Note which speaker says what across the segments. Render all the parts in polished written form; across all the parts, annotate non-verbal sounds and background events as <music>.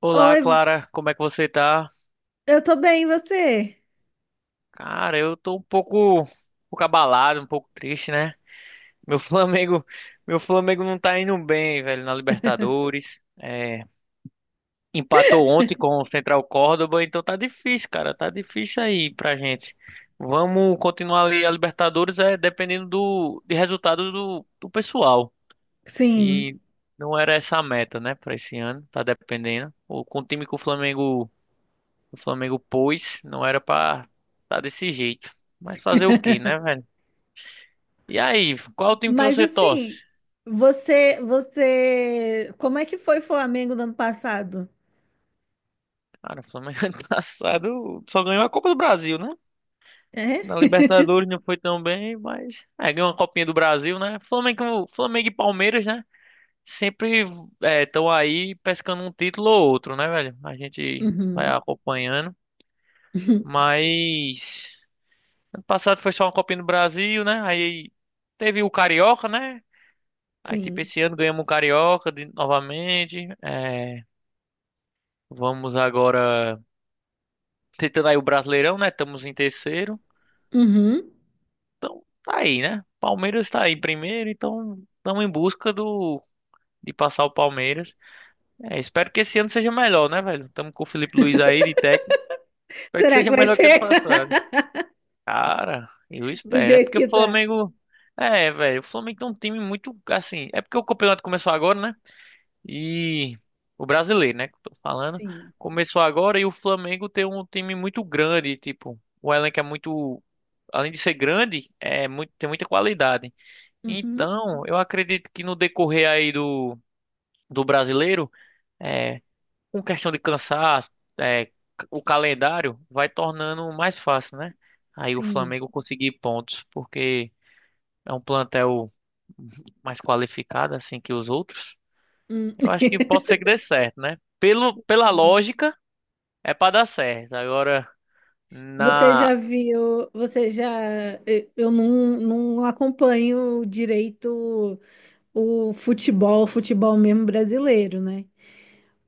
Speaker 1: Olá,
Speaker 2: Oi,
Speaker 1: Clara, como é que você tá?
Speaker 2: eu tô bem, e você?
Speaker 1: Cara, eu tô um pouco abalado, um pouco triste, né? Meu <laughs> Flamengo, meu Flamengo não tá indo bem, velho, na Libertadores. É, empatou ontem com
Speaker 2: <laughs>
Speaker 1: o Central Córdoba, então tá difícil, cara, tá difícil aí pra gente. Vamos continuar ali a Libertadores, é dependendo do de resultado do pessoal.
Speaker 2: Sim,
Speaker 1: E não era essa a meta, né, pra esse ano, tá dependendo. O Com o time que o Flamengo pôs, não era pra tá desse jeito. Mas fazer o quê, né, velho? E aí, qual é o time que
Speaker 2: mas
Speaker 1: você torce?
Speaker 2: assim, você, como é que foi o Flamengo no ano passado?
Speaker 1: Cara, o Flamengo <laughs> ano passado só ganhou a Copa do Brasil, né?
Speaker 2: É?
Speaker 1: Na
Speaker 2: <laughs>
Speaker 1: Libertadores não foi tão bem, mas é, ganhou uma Copinha do Brasil, né? Flamengo, Flamengo e Palmeiras, né? Sempre estão aí pescando um título ou outro, né, velho? A gente vai
Speaker 2: Uhum.
Speaker 1: acompanhando.
Speaker 2: Uhum.
Speaker 1: Mas ano passado foi só uma Copinha do Brasil, né? Aí teve o Carioca, né? Aí, tipo,
Speaker 2: Sim.
Speaker 1: esse ano ganhamos o Carioca novamente. É, vamos agora tentando aí o Brasileirão, né? Estamos em terceiro.
Speaker 2: Uhum.
Speaker 1: Então, tá aí, né? Palmeiras tá aí em primeiro, então estamos em busca do de passar o Palmeiras. É, espero que esse ano seja melhor, né, velho? Estamos com o Felipe Luiz aí de
Speaker 2: <laughs>
Speaker 1: técnico. Espero que
Speaker 2: Será que
Speaker 1: seja
Speaker 2: vai
Speaker 1: melhor que ano
Speaker 2: ser
Speaker 1: passado.
Speaker 2: <laughs>
Speaker 1: Cara, eu
Speaker 2: do
Speaker 1: espero. É
Speaker 2: jeito
Speaker 1: porque
Speaker 2: que
Speaker 1: o
Speaker 2: tá?
Speaker 1: Flamengo. É, velho, o Flamengo tem um time muito, assim, é porque o campeonato começou agora, né? E o brasileiro, né, que eu tô falando,
Speaker 2: Sim.
Speaker 1: começou agora e o Flamengo tem um time muito grande, tipo, o elenco é muito, além de ser grande, é muito, tem muita qualidade.
Speaker 2: Uhum.
Speaker 1: Então, eu acredito que no decorrer aí do brasileiro, é, com questão de cansaço, é, o calendário vai tornando mais fácil, né? Aí o
Speaker 2: Sim.
Speaker 1: Flamengo conseguir pontos, porque é um plantel mais qualificado assim que os outros.
Speaker 2: Hum.
Speaker 1: Eu acho que
Speaker 2: <laughs>
Speaker 1: pode ser que dê certo, né? Pelo, pela
Speaker 2: Entendi.
Speaker 1: lógica, é pra dar certo. Agora,
Speaker 2: Você
Speaker 1: na.
Speaker 2: já viu, você já, eu não acompanho direito o futebol, futebol mesmo brasileiro, né?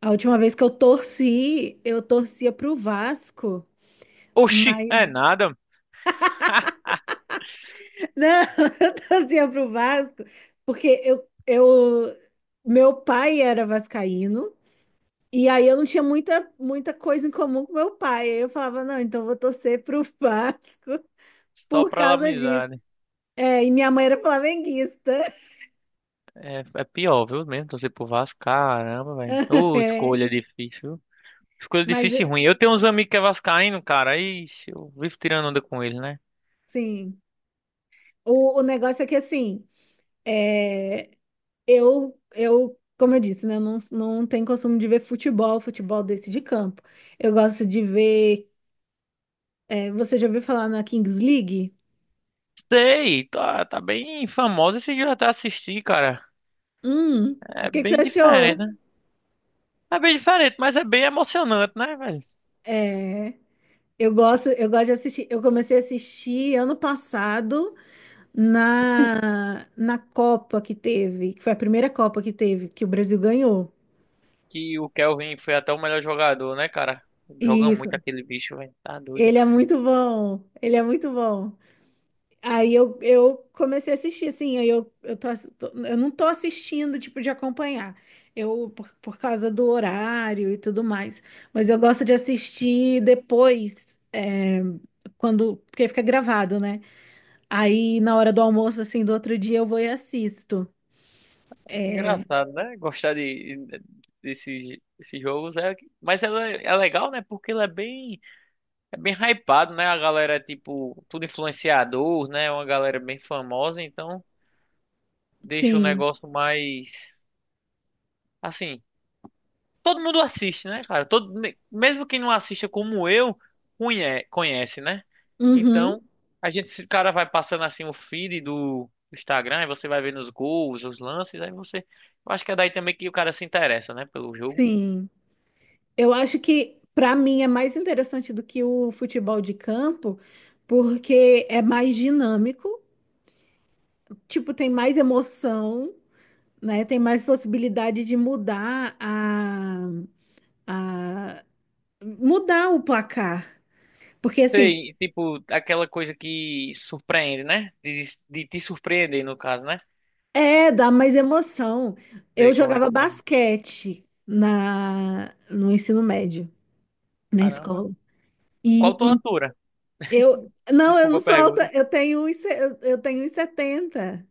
Speaker 2: A última vez que eu torci, eu torcia pro Vasco,
Speaker 1: Oxi, é
Speaker 2: mas
Speaker 1: nada.
Speaker 2: <laughs> não, eu torcia pro Vasco, porque eu meu pai era vascaíno e aí eu não tinha muita muita coisa em comum com meu pai. Aí eu falava, não, então eu vou torcer pro Vasco <laughs>
Speaker 1: Só
Speaker 2: por
Speaker 1: pra
Speaker 2: causa
Speaker 1: laminizar,
Speaker 2: disso.
Speaker 1: né?
Speaker 2: É, e minha mãe era flamenguista. <laughs>
Speaker 1: É pior, viu? Mesmo torcer pro Vasco, caramba, velho. Ô,
Speaker 2: É,
Speaker 1: escolha difícil. Viu? Escolha
Speaker 2: mas
Speaker 1: difícil e ruim. Eu tenho uns amigos que é vascaíno, cara. Aí eu vivo tirando onda com eles, né?
Speaker 2: sim, o negócio é que assim, é, eu, como eu disse, né, eu não tenho costume de ver futebol, futebol desse de campo. Eu gosto de ver. Você já ouviu falar na Kings League?
Speaker 1: Sei, tá, tá bem famoso esse dia até assistir, cara.
Speaker 2: Hum, o
Speaker 1: É
Speaker 2: que que você
Speaker 1: bem
Speaker 2: achou?
Speaker 1: diferente, né? É bem diferente, mas é bem emocionante, né, velho?
Speaker 2: É, eu gosto de assistir. Eu comecei a assistir ano passado na Copa que teve, que foi a primeira Copa que teve, que o Brasil ganhou.
Speaker 1: Que o Kelvin foi até o melhor jogador, né, cara? Joga
Speaker 2: Isso.
Speaker 1: muito aquele bicho, velho. Tá doido.
Speaker 2: Ele é muito bom. Ele é muito bom. Aí eu comecei a assistir, assim, aí eu, tô, ass- tô- eu não tô assistindo, tipo, de acompanhar, por causa do horário e tudo mais, mas eu gosto de assistir depois, porque fica gravado, né? Aí, na hora do almoço, assim, do outro dia, eu vou e assisto.
Speaker 1: Que engraçado, né? Gostar de, desses, desses jogos é. Mas ela é, é legal, né? Porque ele é bem hypado, né? A galera é tipo, tudo influenciador, né? Uma galera bem famosa, então deixa o
Speaker 2: Sim,
Speaker 1: negócio mais. Assim, todo mundo assiste, né, cara? Todo, mesmo quem não assista como eu, conhece, né?
Speaker 2: uhum,
Speaker 1: Então, a gente, se cara vai passando assim o feed do Instagram, e você vai vendo os gols, os lances, aí você. Eu acho que é daí também que o cara se interessa, né, pelo jogo.
Speaker 2: sim. Eu acho que, pra mim, é mais interessante do que o futebol de campo, porque é mais dinâmico, tipo, tem mais emoção, né? Tem mais possibilidade de mudar a mudar o placar. Porque assim,
Speaker 1: Sei, tipo, aquela coisa que surpreende, né? De te surpreender, no caso, né?
Speaker 2: dá mais emoção. Eu
Speaker 1: Sei como é
Speaker 2: jogava
Speaker 1: que é.
Speaker 2: basquete na no ensino médio, na
Speaker 1: Caramba.
Speaker 2: escola. E,
Speaker 1: Qual tua
Speaker 2: em-
Speaker 1: altura?
Speaker 2: eu não, eu
Speaker 1: Desculpa
Speaker 2: não
Speaker 1: a
Speaker 2: sou
Speaker 1: pergunta.
Speaker 2: alta, eu tenho 1,70, eu tenho 1,70.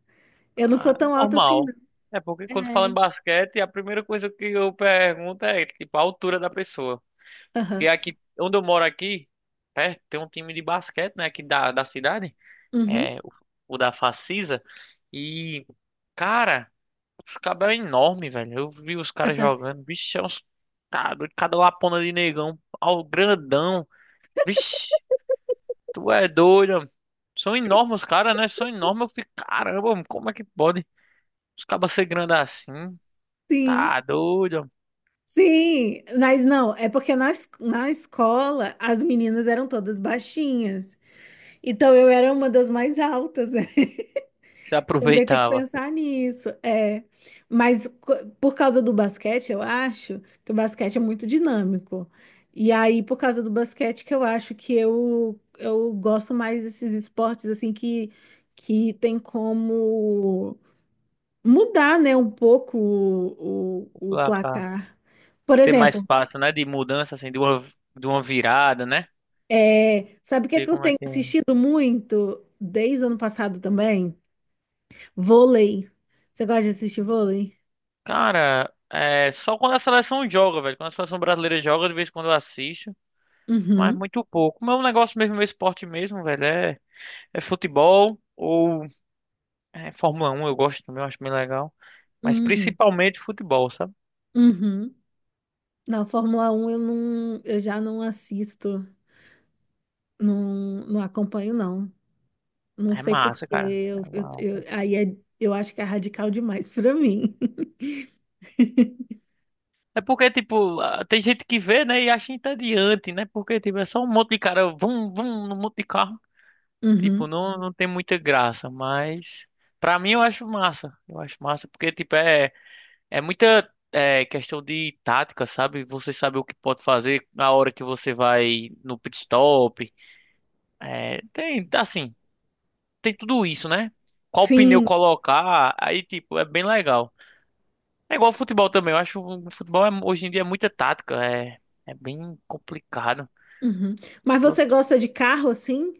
Speaker 2: Eu não sou
Speaker 1: Ah,
Speaker 2: tão alta assim,
Speaker 1: normal.
Speaker 2: não.
Speaker 1: É porque quando fala
Speaker 2: É.
Speaker 1: em basquete, a primeira coisa que eu pergunto é, tipo, a altura da pessoa.
Speaker 2: Aham,
Speaker 1: Porque aqui, onde eu moro aqui, perto, tem um time de basquete, né, aqui da, da cidade,
Speaker 2: uhum,
Speaker 1: é, o da Facisa, e, cara, os caras é enorme, velho. Eu vi os caras
Speaker 2: <laughs>
Speaker 1: jogando, bicho, é uns, tá, doido, cada lapona de negão, ao grandão, vixe, tu é doido, mano. São enormes os caras, né, são enormes, eu fico, caramba, mano, como é que pode? Os cabas ser grande assim.
Speaker 2: Sim.
Speaker 1: Tá doido.
Speaker 2: Sim, mas não, é porque na escola as meninas eram todas baixinhas. Então eu era uma das mais altas, né?
Speaker 1: Já
Speaker 2: <laughs> Também tem que
Speaker 1: aproveitava.
Speaker 2: pensar nisso. É. Por causa do basquete, eu acho que o basquete é muito dinâmico. E aí, por causa do basquete, que eu acho que eu gosto mais desses esportes assim que tem como mudar, né, um pouco o
Speaker 1: Pra cá.
Speaker 2: placar. Por
Speaker 1: Ser mais
Speaker 2: exemplo.
Speaker 1: fácil, né? De mudança, assim, de uma virada, né?
Speaker 2: É, sabe o que é
Speaker 1: Sei
Speaker 2: que eu
Speaker 1: como é
Speaker 2: tenho
Speaker 1: que é.
Speaker 2: assistido muito desde o ano passado também? Vôlei. Você gosta de assistir vôlei?
Speaker 1: Cara, é só quando a seleção joga, velho. Quando a seleção brasileira joga, de vez em quando eu assisto. Mas
Speaker 2: Uhum,
Speaker 1: muito pouco. Meu negócio mesmo, meu esporte mesmo, velho, é, é futebol ou é Fórmula um eu gosto também, eu acho bem legal. Mas
Speaker 2: uhum,
Speaker 1: principalmente futebol, sabe?
Speaker 2: uhum. Na Fórmula 1 eu já não assisto, não acompanho não. Não
Speaker 1: É
Speaker 2: sei por
Speaker 1: massa,
Speaker 2: quê.
Speaker 1: cara. É uau.
Speaker 2: Eu acho que é radical demais pra mim. <laughs>
Speaker 1: É porque, tipo, ah, tem gente que vê, né, e acha entediante, né? Porque, tipo, é só um monte de cara, vum, vum, num monte de carro. Tipo,
Speaker 2: Uhum.
Speaker 1: não, não tem muita graça, mas pra mim eu acho massa. Eu acho massa porque, tipo, é, questão de tática, sabe? Você sabe o que pode fazer na hora que você vai no pit stop. É, tem, assim, tem tudo isso, né? Qual pneu
Speaker 2: Sim.
Speaker 1: colocar, aí, tipo, é bem legal. É igual ao futebol também. Eu acho que o futebol hoje em dia é muita tática. É, é bem complicado.
Speaker 2: Uhum. Mas
Speaker 1: Eu-
Speaker 2: você gosta de carro assim?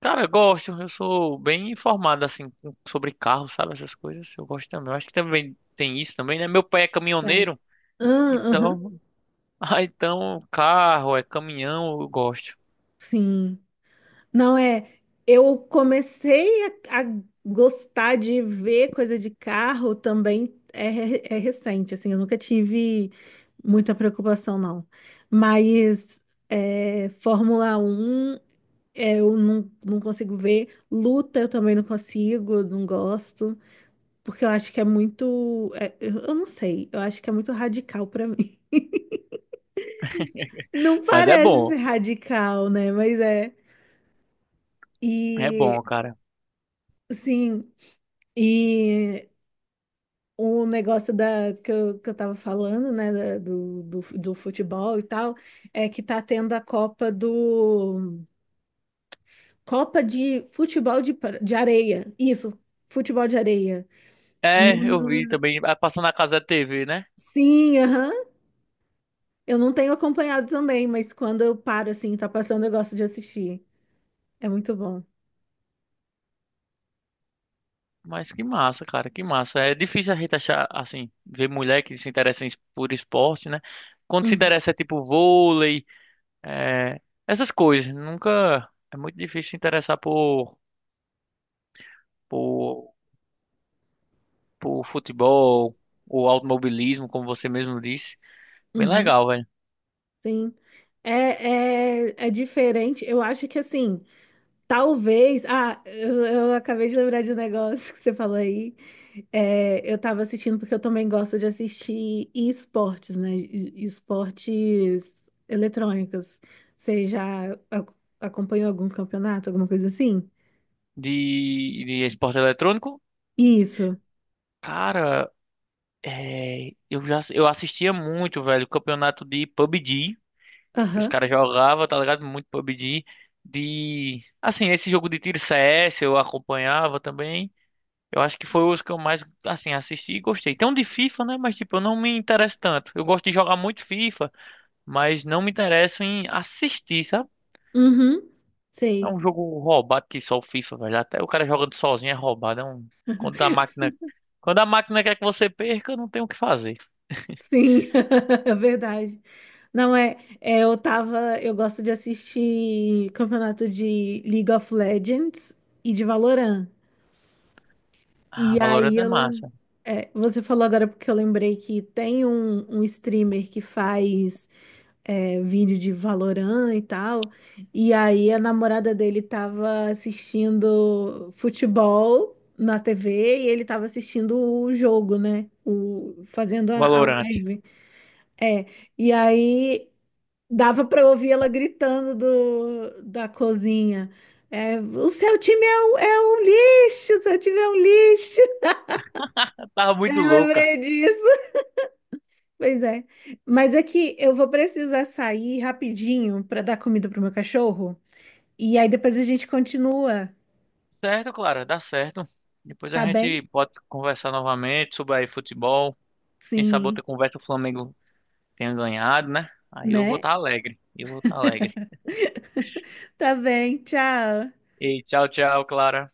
Speaker 1: cara, eu gosto. Eu sou bem informado, assim, sobre carro, sabe? Essas coisas. Eu gosto também. Eu acho que também tem isso também, né? Meu pai é
Speaker 2: É.
Speaker 1: caminhoneiro.
Speaker 2: Ah, aham.
Speaker 1: Então, <laughs> ah, então carro, é caminhão, eu gosto.
Speaker 2: Sim. Não é. Eu comecei a gostar de ver coisa de carro também é recente, assim, eu nunca tive muita preocupação, não. Mas Fórmula 1 eu não consigo ver, luta eu também não consigo, não gosto, porque eu acho que é muito. Eu não sei, eu acho que é muito radical pra mim.
Speaker 1: <laughs>
Speaker 2: <laughs> Não
Speaker 1: Mas é
Speaker 2: parece
Speaker 1: bom.
Speaker 2: ser radical, né? Mas é.
Speaker 1: É
Speaker 2: E,
Speaker 1: bom, cara.
Speaker 2: sim. E o negócio que eu tava falando, né, do futebol e tal, é que tá tendo a Copa de futebol de areia. Isso, futebol de areia.
Speaker 1: É, eu vi
Speaker 2: Numa-
Speaker 1: também. Ah, passando na casa da TV, né?
Speaker 2: Sim, aham. Eu não tenho acompanhado também, mas quando eu paro, assim, tá passando, eu gosto de assistir. É muito bom.
Speaker 1: Mas que massa, cara, que massa. É difícil a gente achar, assim, ver mulher que se interessa por esporte, né? Quando se
Speaker 2: Uhum,
Speaker 1: interessa é tipo vôlei, é, essas coisas. Nunca. É muito difícil se interessar por, por futebol ou automobilismo, como você mesmo disse. Bem
Speaker 2: uhum,
Speaker 1: legal, velho.
Speaker 2: sim. É diferente. Eu acho que, assim, talvez. Ah, eu acabei de lembrar de um negócio que você falou aí. É, eu tava assistindo porque eu também gosto de assistir esportes, né? Esportes eletrônicos. Você já acompanhou algum campeonato, alguma coisa assim?
Speaker 1: De esporte eletrônico,
Speaker 2: Isso.
Speaker 1: cara, é, eu assistia muito, velho, o campeonato de PUBG. Que os
Speaker 2: Aham.
Speaker 1: caras jogavam, tá ligado? Muito PUBG. De. Assim, esse jogo de tiro CS eu acompanhava também. Eu acho que foi os que eu mais, assim, assisti e gostei. Tem um de FIFA, né? Mas, tipo, eu não me interesso tanto. Eu gosto de jogar muito FIFA, mas não me interesso em assistir, sabe?
Speaker 2: Uhum.
Speaker 1: É
Speaker 2: Sei.
Speaker 1: um jogo roubado que só o FIFA, velho. Até o cara jogando sozinho é roubado. É um... Quando a máquina. Quando a máquina quer que você perca, não tem o que fazer.
Speaker 2: Sim. <laughs> É verdade. Não é, eu gosto de assistir campeonato de League of Legends e de Valorant.
Speaker 1: Ah,
Speaker 2: E
Speaker 1: Valorant
Speaker 2: aí
Speaker 1: é
Speaker 2: ela.
Speaker 1: massa.
Speaker 2: Você falou agora porque eu lembrei que tem um streamer que faz vídeo de Valorant e tal. E aí a namorada dele tava assistindo futebol na TV e ele tava assistindo o jogo, né? Fazendo a
Speaker 1: Valorant.
Speaker 2: live. É. E aí dava pra ouvir ela gritando da cozinha. É, o seu time um lixo, o seu time é um lixo.
Speaker 1: <laughs> tava
Speaker 2: Eu
Speaker 1: muito louca.
Speaker 2: lembrei disso. Pois é. Mas é que eu vou precisar sair rapidinho para dar comida pro meu cachorro. E aí depois a gente continua,
Speaker 1: Certo, Clara, dá certo. Depois a
Speaker 2: tá bem?
Speaker 1: gente pode conversar novamente sobre aí futebol. Quem sabe
Speaker 2: Sim,
Speaker 1: outra conversa o Flamengo tenha ganhado, né? Aí eu vou
Speaker 2: né?
Speaker 1: estar alegre. Eu vou estar alegre.
Speaker 2: <laughs> Tá bem, tchau.
Speaker 1: E tchau, tchau, Clara.